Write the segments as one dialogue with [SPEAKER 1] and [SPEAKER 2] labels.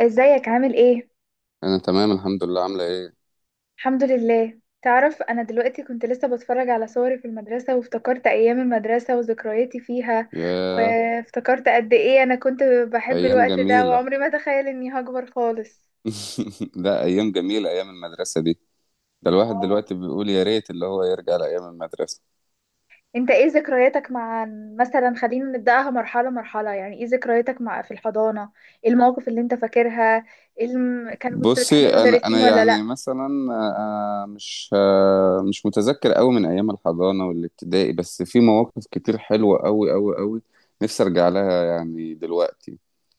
[SPEAKER 1] ازيك عامل ايه؟
[SPEAKER 2] انا تمام الحمد لله، عامله ايه؟
[SPEAKER 1] الحمد لله. تعرف، انا دلوقتي كنت لسه بتفرج على صوري في المدرسة وافتكرت ايام المدرسة وذكرياتي فيها.
[SPEAKER 2] ياه.
[SPEAKER 1] وافتكرت قد ايه انا كنت بحب
[SPEAKER 2] ايام
[SPEAKER 1] الوقت ده،
[SPEAKER 2] جميله.
[SPEAKER 1] وعمري ما اتخيل اني هكبر خالص.
[SPEAKER 2] لا، ايام جميله ايام المدرسه دي. ده الواحد
[SPEAKER 1] اه.
[SPEAKER 2] دلوقتي بيقول يا ريت اللي هو يرجع لايام المدرسه.
[SPEAKER 1] انت ايه ذكرياتك مع، مثلا خلينا نبدأها مرحلة مرحلة، يعني ايه ذكرياتك مع في الحضانة؟ ايه المواقف اللي انت فاكرها؟ إيه الم... كان كنت بتحب
[SPEAKER 2] بصي، انا
[SPEAKER 1] المدرسين
[SPEAKER 2] انا
[SPEAKER 1] ولا لا؟
[SPEAKER 2] يعني مثلا مش متذكر قوي من ايام الحضانه والابتدائي، بس في مواقف كتير حلوه قوي قوي قوي. نفسي ارجع لها يعني دلوقتي.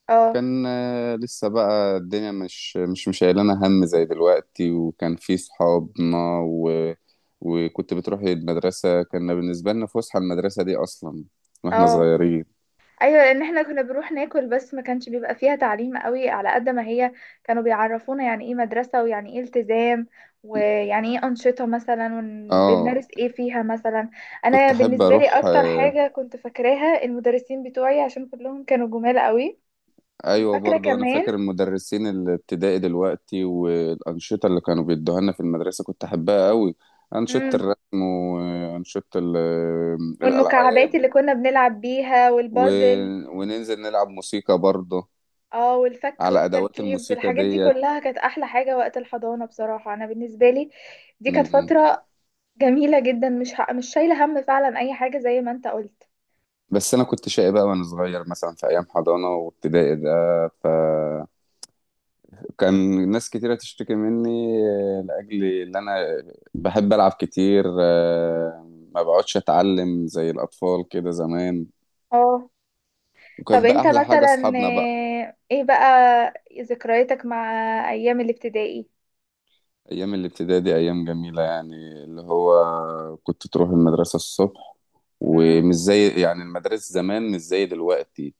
[SPEAKER 1] اه.
[SPEAKER 2] كان لسه بقى الدنيا مش شايلانا هم زي دلوقتي، وكان في صحابنا و... وكنت بتروح المدرسة. كنا بالنسبة لنا فسحة المدرسة دي أصلا، واحنا
[SPEAKER 1] اه.
[SPEAKER 2] صغيرين.
[SPEAKER 1] ايوه، لان احنا كنا بنروح ناكل بس ما كانش بيبقى فيها تعليم قوي على قد ما هي كانوا بيعرفونا يعني ايه مدرسة ويعني ايه التزام ويعني ايه أنشطة مثلا
[SPEAKER 2] اه.
[SPEAKER 1] وبنمارس ايه فيها مثلا. انا
[SPEAKER 2] كنت أحب
[SPEAKER 1] بالنسبة لي
[SPEAKER 2] أروح
[SPEAKER 1] اكتر حاجة كنت فاكراها المدرسين بتوعي عشان كلهم كانوا جمال قوي.
[SPEAKER 2] أيوة،
[SPEAKER 1] وفاكرة
[SPEAKER 2] برضو أنا
[SPEAKER 1] كمان.
[SPEAKER 2] فاكر المدرسين الابتدائي دلوقتي، والأنشطة اللي كانوا بيدوها لنا في المدرسة كنت أحبها قوي. أنشطة
[SPEAKER 1] امم.
[SPEAKER 2] الرسم وأنشطة
[SPEAKER 1] والمكعبات
[SPEAKER 2] الألعاب
[SPEAKER 1] اللي كنا بنلعب بيها
[SPEAKER 2] و...
[SPEAKER 1] والبازل.
[SPEAKER 2] وننزل نلعب موسيقى برضو
[SPEAKER 1] اه، والفك
[SPEAKER 2] على أدوات
[SPEAKER 1] والتركيب
[SPEAKER 2] الموسيقى
[SPEAKER 1] الحاجات دي
[SPEAKER 2] ديت.
[SPEAKER 1] كلها كانت احلى حاجة وقت الحضانة، بصراحة انا بالنسبة لي دي كانت
[SPEAKER 2] مم.
[SPEAKER 1] فترة جميلة جدا، مش شايلة هم فعلا اي حاجة زي ما انت قلت.
[SPEAKER 2] بس انا كنت شقي بقى وانا صغير، مثلا في ايام حضانه وابتدائي ده، فكان ناس كتيره تشتكي مني لاجل ان انا بحب العب كتير، ما بقعدش اتعلم زي الاطفال كده زمان.
[SPEAKER 1] اه. طب
[SPEAKER 2] وكان بقى
[SPEAKER 1] انت
[SPEAKER 2] احلى حاجه
[SPEAKER 1] مثلا،
[SPEAKER 2] اصحابنا بقى.
[SPEAKER 1] ايه بقى ذكرياتك مع ايام الابتدائي؟
[SPEAKER 2] ايام الابتدائي دي ايام جميله، يعني اللي هو كنت تروح المدرسه الصبح،
[SPEAKER 1] مم؟
[SPEAKER 2] ومش زي يعني المدارس زمان مش زي دلوقتي.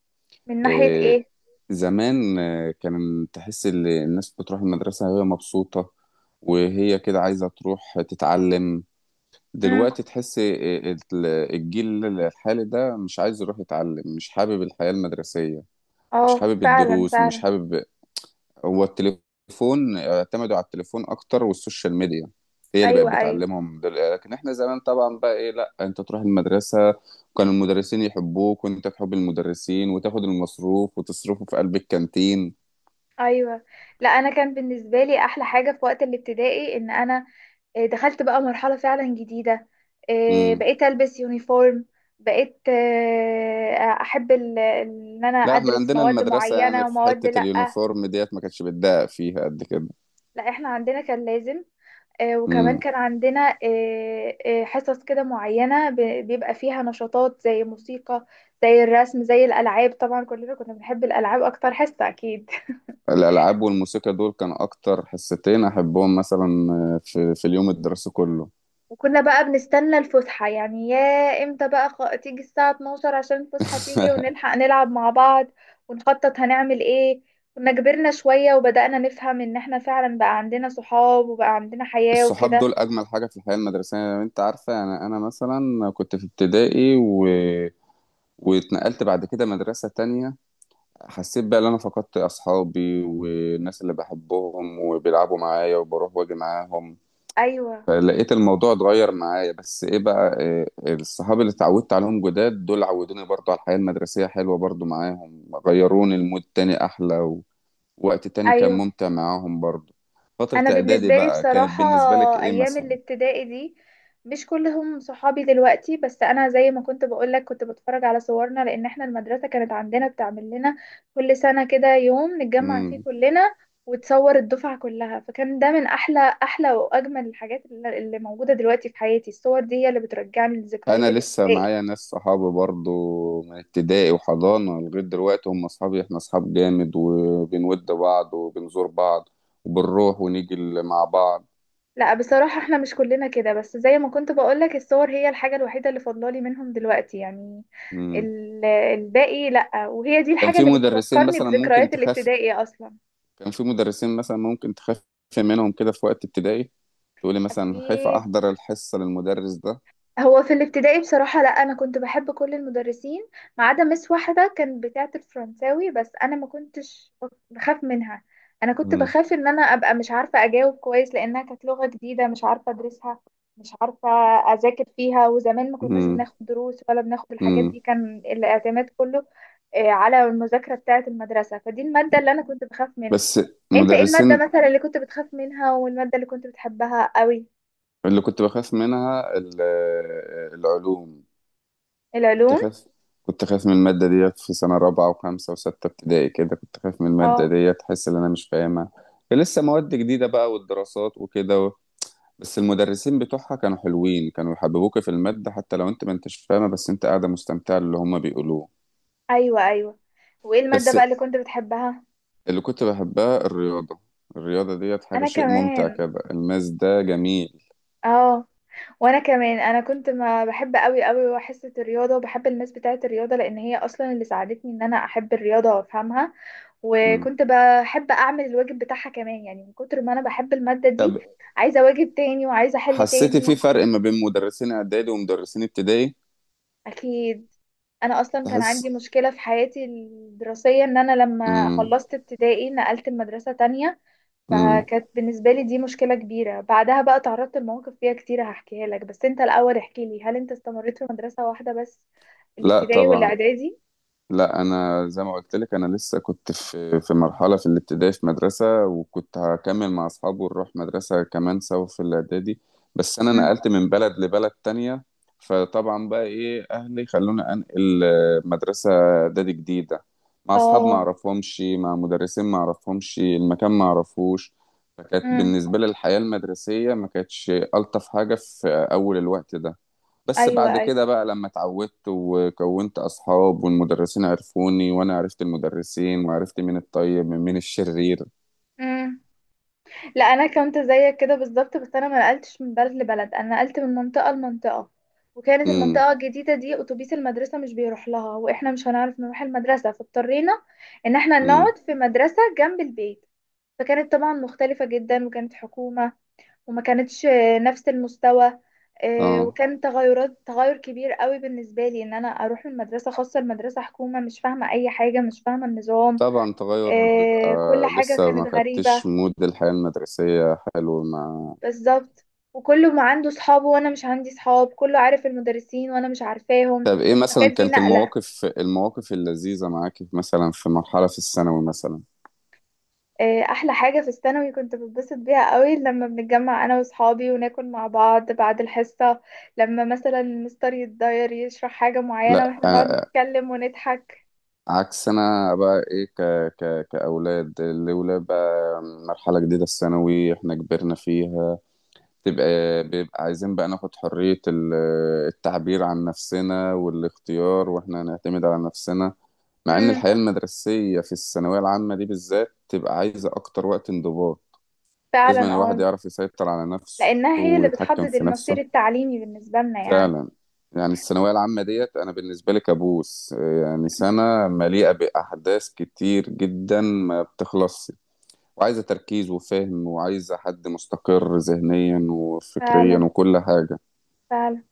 [SPEAKER 1] من ناحية
[SPEAKER 2] آه،
[SPEAKER 1] ايه؟
[SPEAKER 2] زمان كان تحس ان الناس بتروح المدرسة وهي مبسوطة، وهي كده عايزة تروح تتعلم.
[SPEAKER 1] مم؟
[SPEAKER 2] دلوقتي تحس الجيل الحالي ده مش عايز يروح يتعلم، مش حابب الحياة المدرسية، مش
[SPEAKER 1] اه،
[SPEAKER 2] حابب
[SPEAKER 1] فعلا
[SPEAKER 2] الدروس، مش
[SPEAKER 1] فعلا.
[SPEAKER 2] حابب. هو التليفون، اعتمدوا على التليفون اكتر والسوشيال ميديا، هي اللي بقت
[SPEAKER 1] ايوه، ايوه،
[SPEAKER 2] بتعلمهم. لكن احنا زمان طبعا بقى ايه، لا انت تروح المدرسه، وكان المدرسين يحبوك وانت تحب المدرسين، وتاخد المصروف وتصرفه في قلب الكانتين.
[SPEAKER 1] ايوه. لا، انا كان بالنسبه لي احلى حاجه في وقت الابتدائي ان انا دخلت بقى مرحله فعلا جديده.
[SPEAKER 2] امم.
[SPEAKER 1] بقيت البس يونيفورم. بقيت، احب ان انا
[SPEAKER 2] لا، احنا
[SPEAKER 1] ادرس
[SPEAKER 2] عندنا
[SPEAKER 1] مواد
[SPEAKER 2] المدرسه يعني
[SPEAKER 1] معينه
[SPEAKER 2] في
[SPEAKER 1] ومواد
[SPEAKER 2] حته
[SPEAKER 1] لا.
[SPEAKER 2] اليونيفورم ديت ما كانتش بتضايق فيها قد كده.
[SPEAKER 1] لا، احنا عندنا كان لازم. وكمان
[SPEAKER 2] امم.
[SPEAKER 1] كان عندنا حصص كده معينه، بيبقى فيها نشاطات زي موسيقى، زي الرسم، زي الالعاب. طبعا كلنا كنا بنحب الالعاب اكتر حصه، اكيد.
[SPEAKER 2] الالعاب والموسيقى دول كان اكتر حصتين احبهم، مثلا في اليوم الدراسي كله.
[SPEAKER 1] وكنا بقى بنستنى الفسحة، يعني يا امتى بقى، تيجي الساعة 12 عشان الفسحة تيجي ونلحق نلعب مع بعض. ونخطط هنعمل ايه. كنا كبرنا شوية وبدأنا نفهم ان احنا فعلا بقى عندنا صحاب وبقى عندنا حياة
[SPEAKER 2] الصحاب
[SPEAKER 1] وكده.
[SPEAKER 2] دول اجمل حاجه في الحياه المدرسيه. يعني انت عارفه، انا مثلا كنت في ابتدائي واتنقلت بعد كده مدرسه تانية. حسيت بقى ان انا فقدت اصحابي والناس اللي بحبهم وبيلعبوا معايا وبروح واجي معاهم،
[SPEAKER 1] ايوه،
[SPEAKER 2] فلقيت الموضوع اتغير معايا. بس ايه بقى، إيه الصحاب اللي اتعودت عليهم جداد دول عودوني برضو على الحياه المدرسيه، حلوه برضو معاهم، غيروني المود تاني احلى، ووقت تاني كان
[SPEAKER 1] ايوه.
[SPEAKER 2] ممتع معاهم برضو. فتره
[SPEAKER 1] انا
[SPEAKER 2] اعدادي
[SPEAKER 1] بالنسبه لي
[SPEAKER 2] بقى كانت
[SPEAKER 1] بصراحه،
[SPEAKER 2] بالنسبه لك ايه
[SPEAKER 1] ايام
[SPEAKER 2] مثلا؟
[SPEAKER 1] الابتدائي دي مش كلهم صحابي دلوقتي، بس انا زي ما كنت بقولك كنت بتفرج على صورنا لان احنا المدرسه كانت عندنا بتعمل لنا كل سنه كده يوم نتجمع فيه كلنا وتصور الدفعه كلها، فكان ده من احلى احلى واجمل الحاجات اللي موجوده دلوقتي في حياتي. الصور دي هي اللي بترجعني لذكريات
[SPEAKER 2] انا لسه
[SPEAKER 1] الابتدائي.
[SPEAKER 2] معايا ناس صحابي برضو من ابتدائي وحضانة لغاية دلوقتي، هم اصحابي، احنا اصحاب جامد، وبنود بعض وبنزور بعض، وبنروح ونيجي مع بعض.
[SPEAKER 1] لا، بصراحة احنا مش كلنا كده، بس زي ما كنت بقولك الصور هي الحاجة الوحيدة اللي فاضلالي منهم دلوقتي يعني.
[SPEAKER 2] مم.
[SPEAKER 1] الباقي لا، وهي دي
[SPEAKER 2] كان
[SPEAKER 1] الحاجة
[SPEAKER 2] في
[SPEAKER 1] اللي
[SPEAKER 2] مدرسين
[SPEAKER 1] بتفكرني
[SPEAKER 2] مثلا ممكن
[SPEAKER 1] بذكريات
[SPEAKER 2] تخاف
[SPEAKER 1] الابتدائي اصلا.
[SPEAKER 2] كان في مدرسين مثلا ممكن تخاف منهم كده في وقت ابتدائي، تقولي مثلا خايفة
[SPEAKER 1] اكيد.
[SPEAKER 2] احضر الحصة للمدرس ده.
[SPEAKER 1] هو في الابتدائي بصراحة، لا، أنا كنت بحب كل المدرسين ما عدا مس واحدة كانت بتاعة الفرنساوي، بس أنا ما كنتش بخاف منها. أنا كنت
[SPEAKER 2] مم.
[SPEAKER 1] بخاف إن أنا أبقى مش عارفة أجاوب كويس لأنها كانت لغة جديدة مش عارفة أدرسها، مش عارفة أذاكر فيها، وزمان ما كناش
[SPEAKER 2] مم.
[SPEAKER 1] بناخد دروس ولا بناخد الحاجات
[SPEAKER 2] مم.
[SPEAKER 1] دي، كان الاعتماد كله على المذاكرة بتاعة المدرسة، فدي المادة اللي أنا كنت بخاف منها.
[SPEAKER 2] بس
[SPEAKER 1] أنت إيه المادة
[SPEAKER 2] مدرسين،
[SPEAKER 1] مثلا اللي كنت بتخاف منها والمادة اللي كنت بتحبها قوي؟
[SPEAKER 2] اللي كنت بخاف منها العلوم. كنت
[SPEAKER 1] العلوم.
[SPEAKER 2] خايف كنت خايف من المادة ديت في سنة رابعة وخمسة وستة ابتدائي كده، كنت خايف من المادة
[SPEAKER 1] اه.
[SPEAKER 2] ديت، أحس إن أنا مش فاهمها. كان لسه مواد جديدة بقى والدراسات وكده، بس المدرسين بتوعها كانوا حلوين، كانوا يحببوك في المادة حتى لو أنت ما أنتش فاهمة، بس أنت قاعدة مستمتعة اللي هما بيقولوه.
[SPEAKER 1] ايوه، ايوه. وايه الماده
[SPEAKER 2] بس
[SPEAKER 1] بقى اللي كنت بتحبها؟
[SPEAKER 2] اللي كنت بحبها الرياضة. الرياضة ديت حاجة،
[SPEAKER 1] انا
[SPEAKER 2] شيء ممتع
[SPEAKER 1] كمان.
[SPEAKER 2] كده، الماس ده جميل.
[SPEAKER 1] اه. وانا كمان انا كنت ما بحب قوي قوي حصه الرياضه وبحب الماس بتاعه الرياضه لان هي اصلا اللي ساعدتني ان انا احب الرياضه وافهمها.
[SPEAKER 2] مم.
[SPEAKER 1] وكنت بحب اعمل الواجب بتاعها كمان، يعني من كتر ما انا بحب الماده دي
[SPEAKER 2] طب
[SPEAKER 1] عايزه واجب تاني وعايزه احل
[SPEAKER 2] حسيتي
[SPEAKER 1] تاني.
[SPEAKER 2] في فرق ما بين مدرسين إعدادي ومدرسين ابتدائي؟
[SPEAKER 1] اكيد. انا اصلا كان عندي
[SPEAKER 2] تحس.
[SPEAKER 1] مشكله في حياتي الدراسيه ان انا لما
[SPEAKER 2] مم.
[SPEAKER 1] خلصت ابتدائي نقلت المدرسه تانية.
[SPEAKER 2] مم.
[SPEAKER 1] فكانت بالنسبة لي دي مشكلة كبيرة، بعدها بقى تعرضت لمواقف فيها كتير هحكيها لك، بس انت الأول احكي لي هل انت استمريت في مدرسة واحدة بس
[SPEAKER 2] لا
[SPEAKER 1] الابتدائي
[SPEAKER 2] طبعا.
[SPEAKER 1] والاعدادي؟
[SPEAKER 2] لا، انا زي ما قلت لك، انا لسه كنت في مرحله في الابتدائي في مدرسه، وكنت هكمل مع اصحابي ونروح مدرسه كمان سوا في الاعدادي، بس انا
[SPEAKER 1] مم.
[SPEAKER 2] نقلت من بلد لبلد تانية. فطبعا بقى ايه، اهلي خلوني انقل مدرسه اعدادي جديده، مع اصحاب ما
[SPEAKER 1] اه.
[SPEAKER 2] اعرفهمش، مع مدرسين ما اعرفهمش، المكان ما اعرفوش. فكانت
[SPEAKER 1] امم.
[SPEAKER 2] بالنسبه لي الحياه المدرسيه ما كانتش الطف حاجه في اول الوقت ده. بس
[SPEAKER 1] ايوه،
[SPEAKER 2] بعد
[SPEAKER 1] ايوه.
[SPEAKER 2] كده بقى لما اتعودت وكونت أصحاب، والمدرسين عرفوني وأنا عرفت المدرسين، وعرفت مين الطيب من مين الشرير.
[SPEAKER 1] امم. لا، انا كنت زيك كده بالظبط، بس انا ما نقلتش من بلد لبلد، انا نقلت من منطقة لمنطقة، وكانت
[SPEAKER 2] امم.
[SPEAKER 1] المنطقة الجديدة دي أتوبيس المدرسة مش بيروح لها وإحنا مش هنعرف نروح المدرسة، فاضطرينا إن إحنا
[SPEAKER 2] امم.
[SPEAKER 1] نقعد في مدرسة جنب البيت. فكانت طبعا مختلفة جدا وكانت حكومة وما كانتش نفس المستوى.
[SPEAKER 2] اه،
[SPEAKER 1] وكان تغير كبير قوي بالنسبة لي ان انا اروح من مدرسة خاصة لمدرسة حكومة، مش فاهمة اي حاجة، مش فاهمة النظام.
[SPEAKER 2] طبعا تغير بيبقى،
[SPEAKER 1] كل حاجة
[SPEAKER 2] لسه
[SPEAKER 1] كانت
[SPEAKER 2] ما
[SPEAKER 1] غريبة.
[SPEAKER 2] خدتش مود الحياة المدرسية حلو مع.
[SPEAKER 1] بالظبط، وكله ما عنده صحابه وانا مش عندي صحاب، كله عارف المدرسين وانا مش عارفاهم،
[SPEAKER 2] طب ايه مثلا
[SPEAKER 1] فكانت دي
[SPEAKER 2] كانت
[SPEAKER 1] نقلة.
[SPEAKER 2] المواقف اللذيذة معاكي مثلا في مرحلة في الثانوي مثلا؟
[SPEAKER 1] احلى حاجة في الثانوي كنت بتبسط بيها قوي لما بنتجمع انا واصحابي وناكل مع بعض بعد الحصة، لما مثلا المستر يتضاير يشرح حاجة معينة
[SPEAKER 2] لا،
[SPEAKER 1] واحنا نقعد نتكلم ونضحك.
[SPEAKER 2] عكس، انا بقى ايه، كأولاد، الأولاد بقى مرحلة جديدة الثانوي احنا كبرنا فيها، تبقى بيبقى عايزين بقى ناخد حرية التعبير عن نفسنا والاختيار، واحنا هنعتمد على نفسنا. مع ان الحياة
[SPEAKER 1] امم.
[SPEAKER 2] المدرسية في الثانوية العامة دي بالذات تبقى عايزة اكتر وقت انضباط،
[SPEAKER 1] فعلا.
[SPEAKER 2] لازم الواحد
[SPEAKER 1] اه.
[SPEAKER 2] يعرف يسيطر على نفسه
[SPEAKER 1] لانها هي اللي
[SPEAKER 2] ويتحكم
[SPEAKER 1] بتحدد
[SPEAKER 2] في
[SPEAKER 1] المصير
[SPEAKER 2] نفسه.
[SPEAKER 1] التعليمي بالنسبه لنا يعني.
[SPEAKER 2] فعلا. يعني الثانوية العامة ديت انا بالنسبة لي كابوس، يعني سنة مليئة بأحداث كتير جدا ما بتخلصش، وعايزة تركيز وفهم، وعايزة حد مستقر ذهنيا وفكريا
[SPEAKER 1] فعلا،
[SPEAKER 2] وكل حاجة.
[SPEAKER 1] فعلا.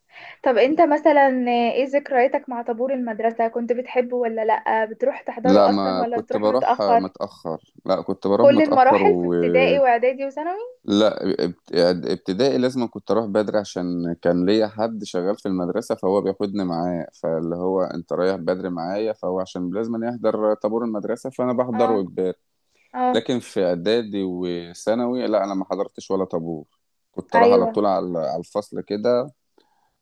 [SPEAKER 1] طب انت مثلا ايه ذكرياتك مع طابور المدرسه، كنت بتحبه ولا لا، بتروح
[SPEAKER 2] لا
[SPEAKER 1] تحضره اصلا
[SPEAKER 2] ما
[SPEAKER 1] ولا
[SPEAKER 2] كنت
[SPEAKER 1] بتروح
[SPEAKER 2] بروح
[SPEAKER 1] متاخر؟
[SPEAKER 2] متأخر، لا كنت
[SPEAKER 1] في
[SPEAKER 2] بروح
[SPEAKER 1] كل
[SPEAKER 2] متأخر
[SPEAKER 1] المراحل في ابتدائي واعدادي وثانوي؟
[SPEAKER 2] لا ابتدائي لازم كنت اروح بدري، عشان كان ليا حد شغال في المدرسة فهو بياخدني معاه، فاللي هو انت رايح بدري معايا فهو عشان لازم يحضر طابور المدرسة، فانا
[SPEAKER 1] اه.
[SPEAKER 2] بحضره اجباري.
[SPEAKER 1] اه.
[SPEAKER 2] لكن في اعدادي وثانوي لا، انا ما حضرتش ولا طابور، كنت اروح على
[SPEAKER 1] ايوه.
[SPEAKER 2] طول على الفصل كده.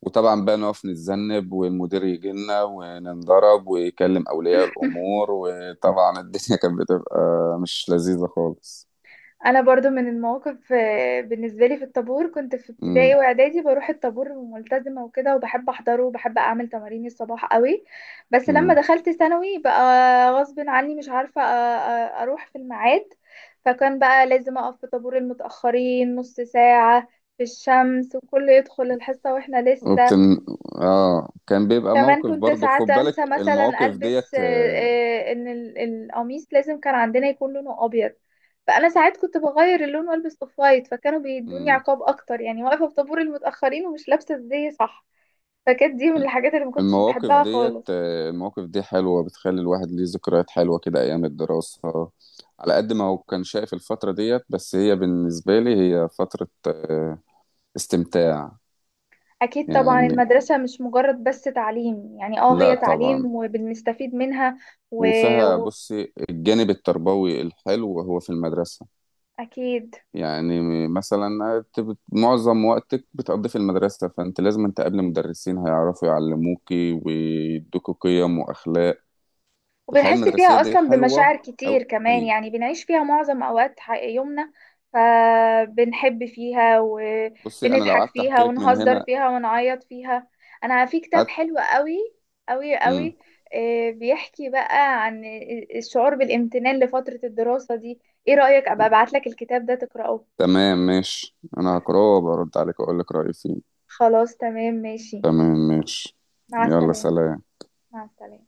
[SPEAKER 2] وطبعا بقى نقف نتذنب والمدير يجي لنا وننضرب ويكلم أولياء الأمور، وطبعا الدنيا كانت بتبقى مش لذيذة خالص.
[SPEAKER 1] انا برضو من المواقف، بالنسبه لي في الطابور، كنت في ابتدائي
[SPEAKER 2] امم.
[SPEAKER 1] واعدادي بروح الطابور ملتزمه وكده، وبحب احضره وبحب اعمل تمارين الصباح قوي. بس لما
[SPEAKER 2] امم.
[SPEAKER 1] دخلت ثانوي بقى، غصب عني مش عارفه اروح في الميعاد. فكان بقى لازم اقف في طابور المتاخرين نص ساعه في الشمس وكله يدخل الحصه واحنا لسه.
[SPEAKER 2] وبتن... اه، كان بيبقى
[SPEAKER 1] كمان
[SPEAKER 2] موقف
[SPEAKER 1] كنت
[SPEAKER 2] برضو، خد
[SPEAKER 1] ساعات
[SPEAKER 2] بالك
[SPEAKER 1] انسى مثلا
[SPEAKER 2] المواقف
[SPEAKER 1] البس،
[SPEAKER 2] ديت
[SPEAKER 1] ان القميص لازم كان عندنا يكون لونه ابيض، فانا ساعات كنت بغير اللون والبس اوف وايت، فكانوا بيدوني
[SPEAKER 2] مم.
[SPEAKER 1] عقاب اكتر يعني واقفه في طابور المتاخرين ومش لابسه ازاي صح. فكانت دي من الحاجات اللي ما كنتش
[SPEAKER 2] المواقف
[SPEAKER 1] بحبها
[SPEAKER 2] ديت
[SPEAKER 1] خالص.
[SPEAKER 2] آه، المواقف دي حلوة، بتخلي الواحد ليه ذكريات حلوة كده أيام الدراسة، على قد ما هو كان شايف الفترة ديت. بس هي بالنسبة لي هي فترة استمتاع.
[SPEAKER 1] اكيد طبعا،
[SPEAKER 2] يعني
[SPEAKER 1] المدرسه مش مجرد بس تعليم، يعني اه
[SPEAKER 2] لا
[SPEAKER 1] هي
[SPEAKER 2] طبعا،
[SPEAKER 1] تعليم وبنستفيد منها. و...
[SPEAKER 2] وفيها
[SPEAKER 1] و...
[SPEAKER 2] بصي الجانب التربوي الحلو هو في المدرسة،
[SPEAKER 1] اكيد.
[SPEAKER 2] يعني مثلا أنت معظم وقتك بتقضيه في المدرسة، فأنت لازم أنت قبل مدرسين هيعرفوا يعلموكي ويدوكوا قيم وأخلاق. الحياة
[SPEAKER 1] وبنحس
[SPEAKER 2] المدرسية
[SPEAKER 1] فيها
[SPEAKER 2] دي
[SPEAKER 1] أصلا
[SPEAKER 2] حلوة
[SPEAKER 1] بمشاعر كتير كمان،
[SPEAKER 2] أوي.
[SPEAKER 1] يعني بنعيش فيها معظم أوقات يومنا، فبنحب فيها
[SPEAKER 2] بصي أنا لو
[SPEAKER 1] وبنضحك
[SPEAKER 2] قعدت
[SPEAKER 1] فيها
[SPEAKER 2] أحكي لك من
[SPEAKER 1] ونهزر
[SPEAKER 2] هنا،
[SPEAKER 1] فيها ونعيط فيها. أنا في كتاب
[SPEAKER 2] أت...
[SPEAKER 1] حلو قوي قوي
[SPEAKER 2] مم.
[SPEAKER 1] قوي، بيحكي بقى عن الشعور بالامتنان لفترة الدراسة دي. إيه رأيك أبقى أبعتلك الكتاب ده تقرأه؟
[SPEAKER 2] تمام ماشي، أنا هقراه وبرد عليك أقول لك رأيي فيه.
[SPEAKER 1] خلاص تمام ماشي.
[SPEAKER 2] تمام ماشي.
[SPEAKER 1] مع
[SPEAKER 2] يلا
[SPEAKER 1] السلامة.
[SPEAKER 2] سلام.
[SPEAKER 1] مع السلامة.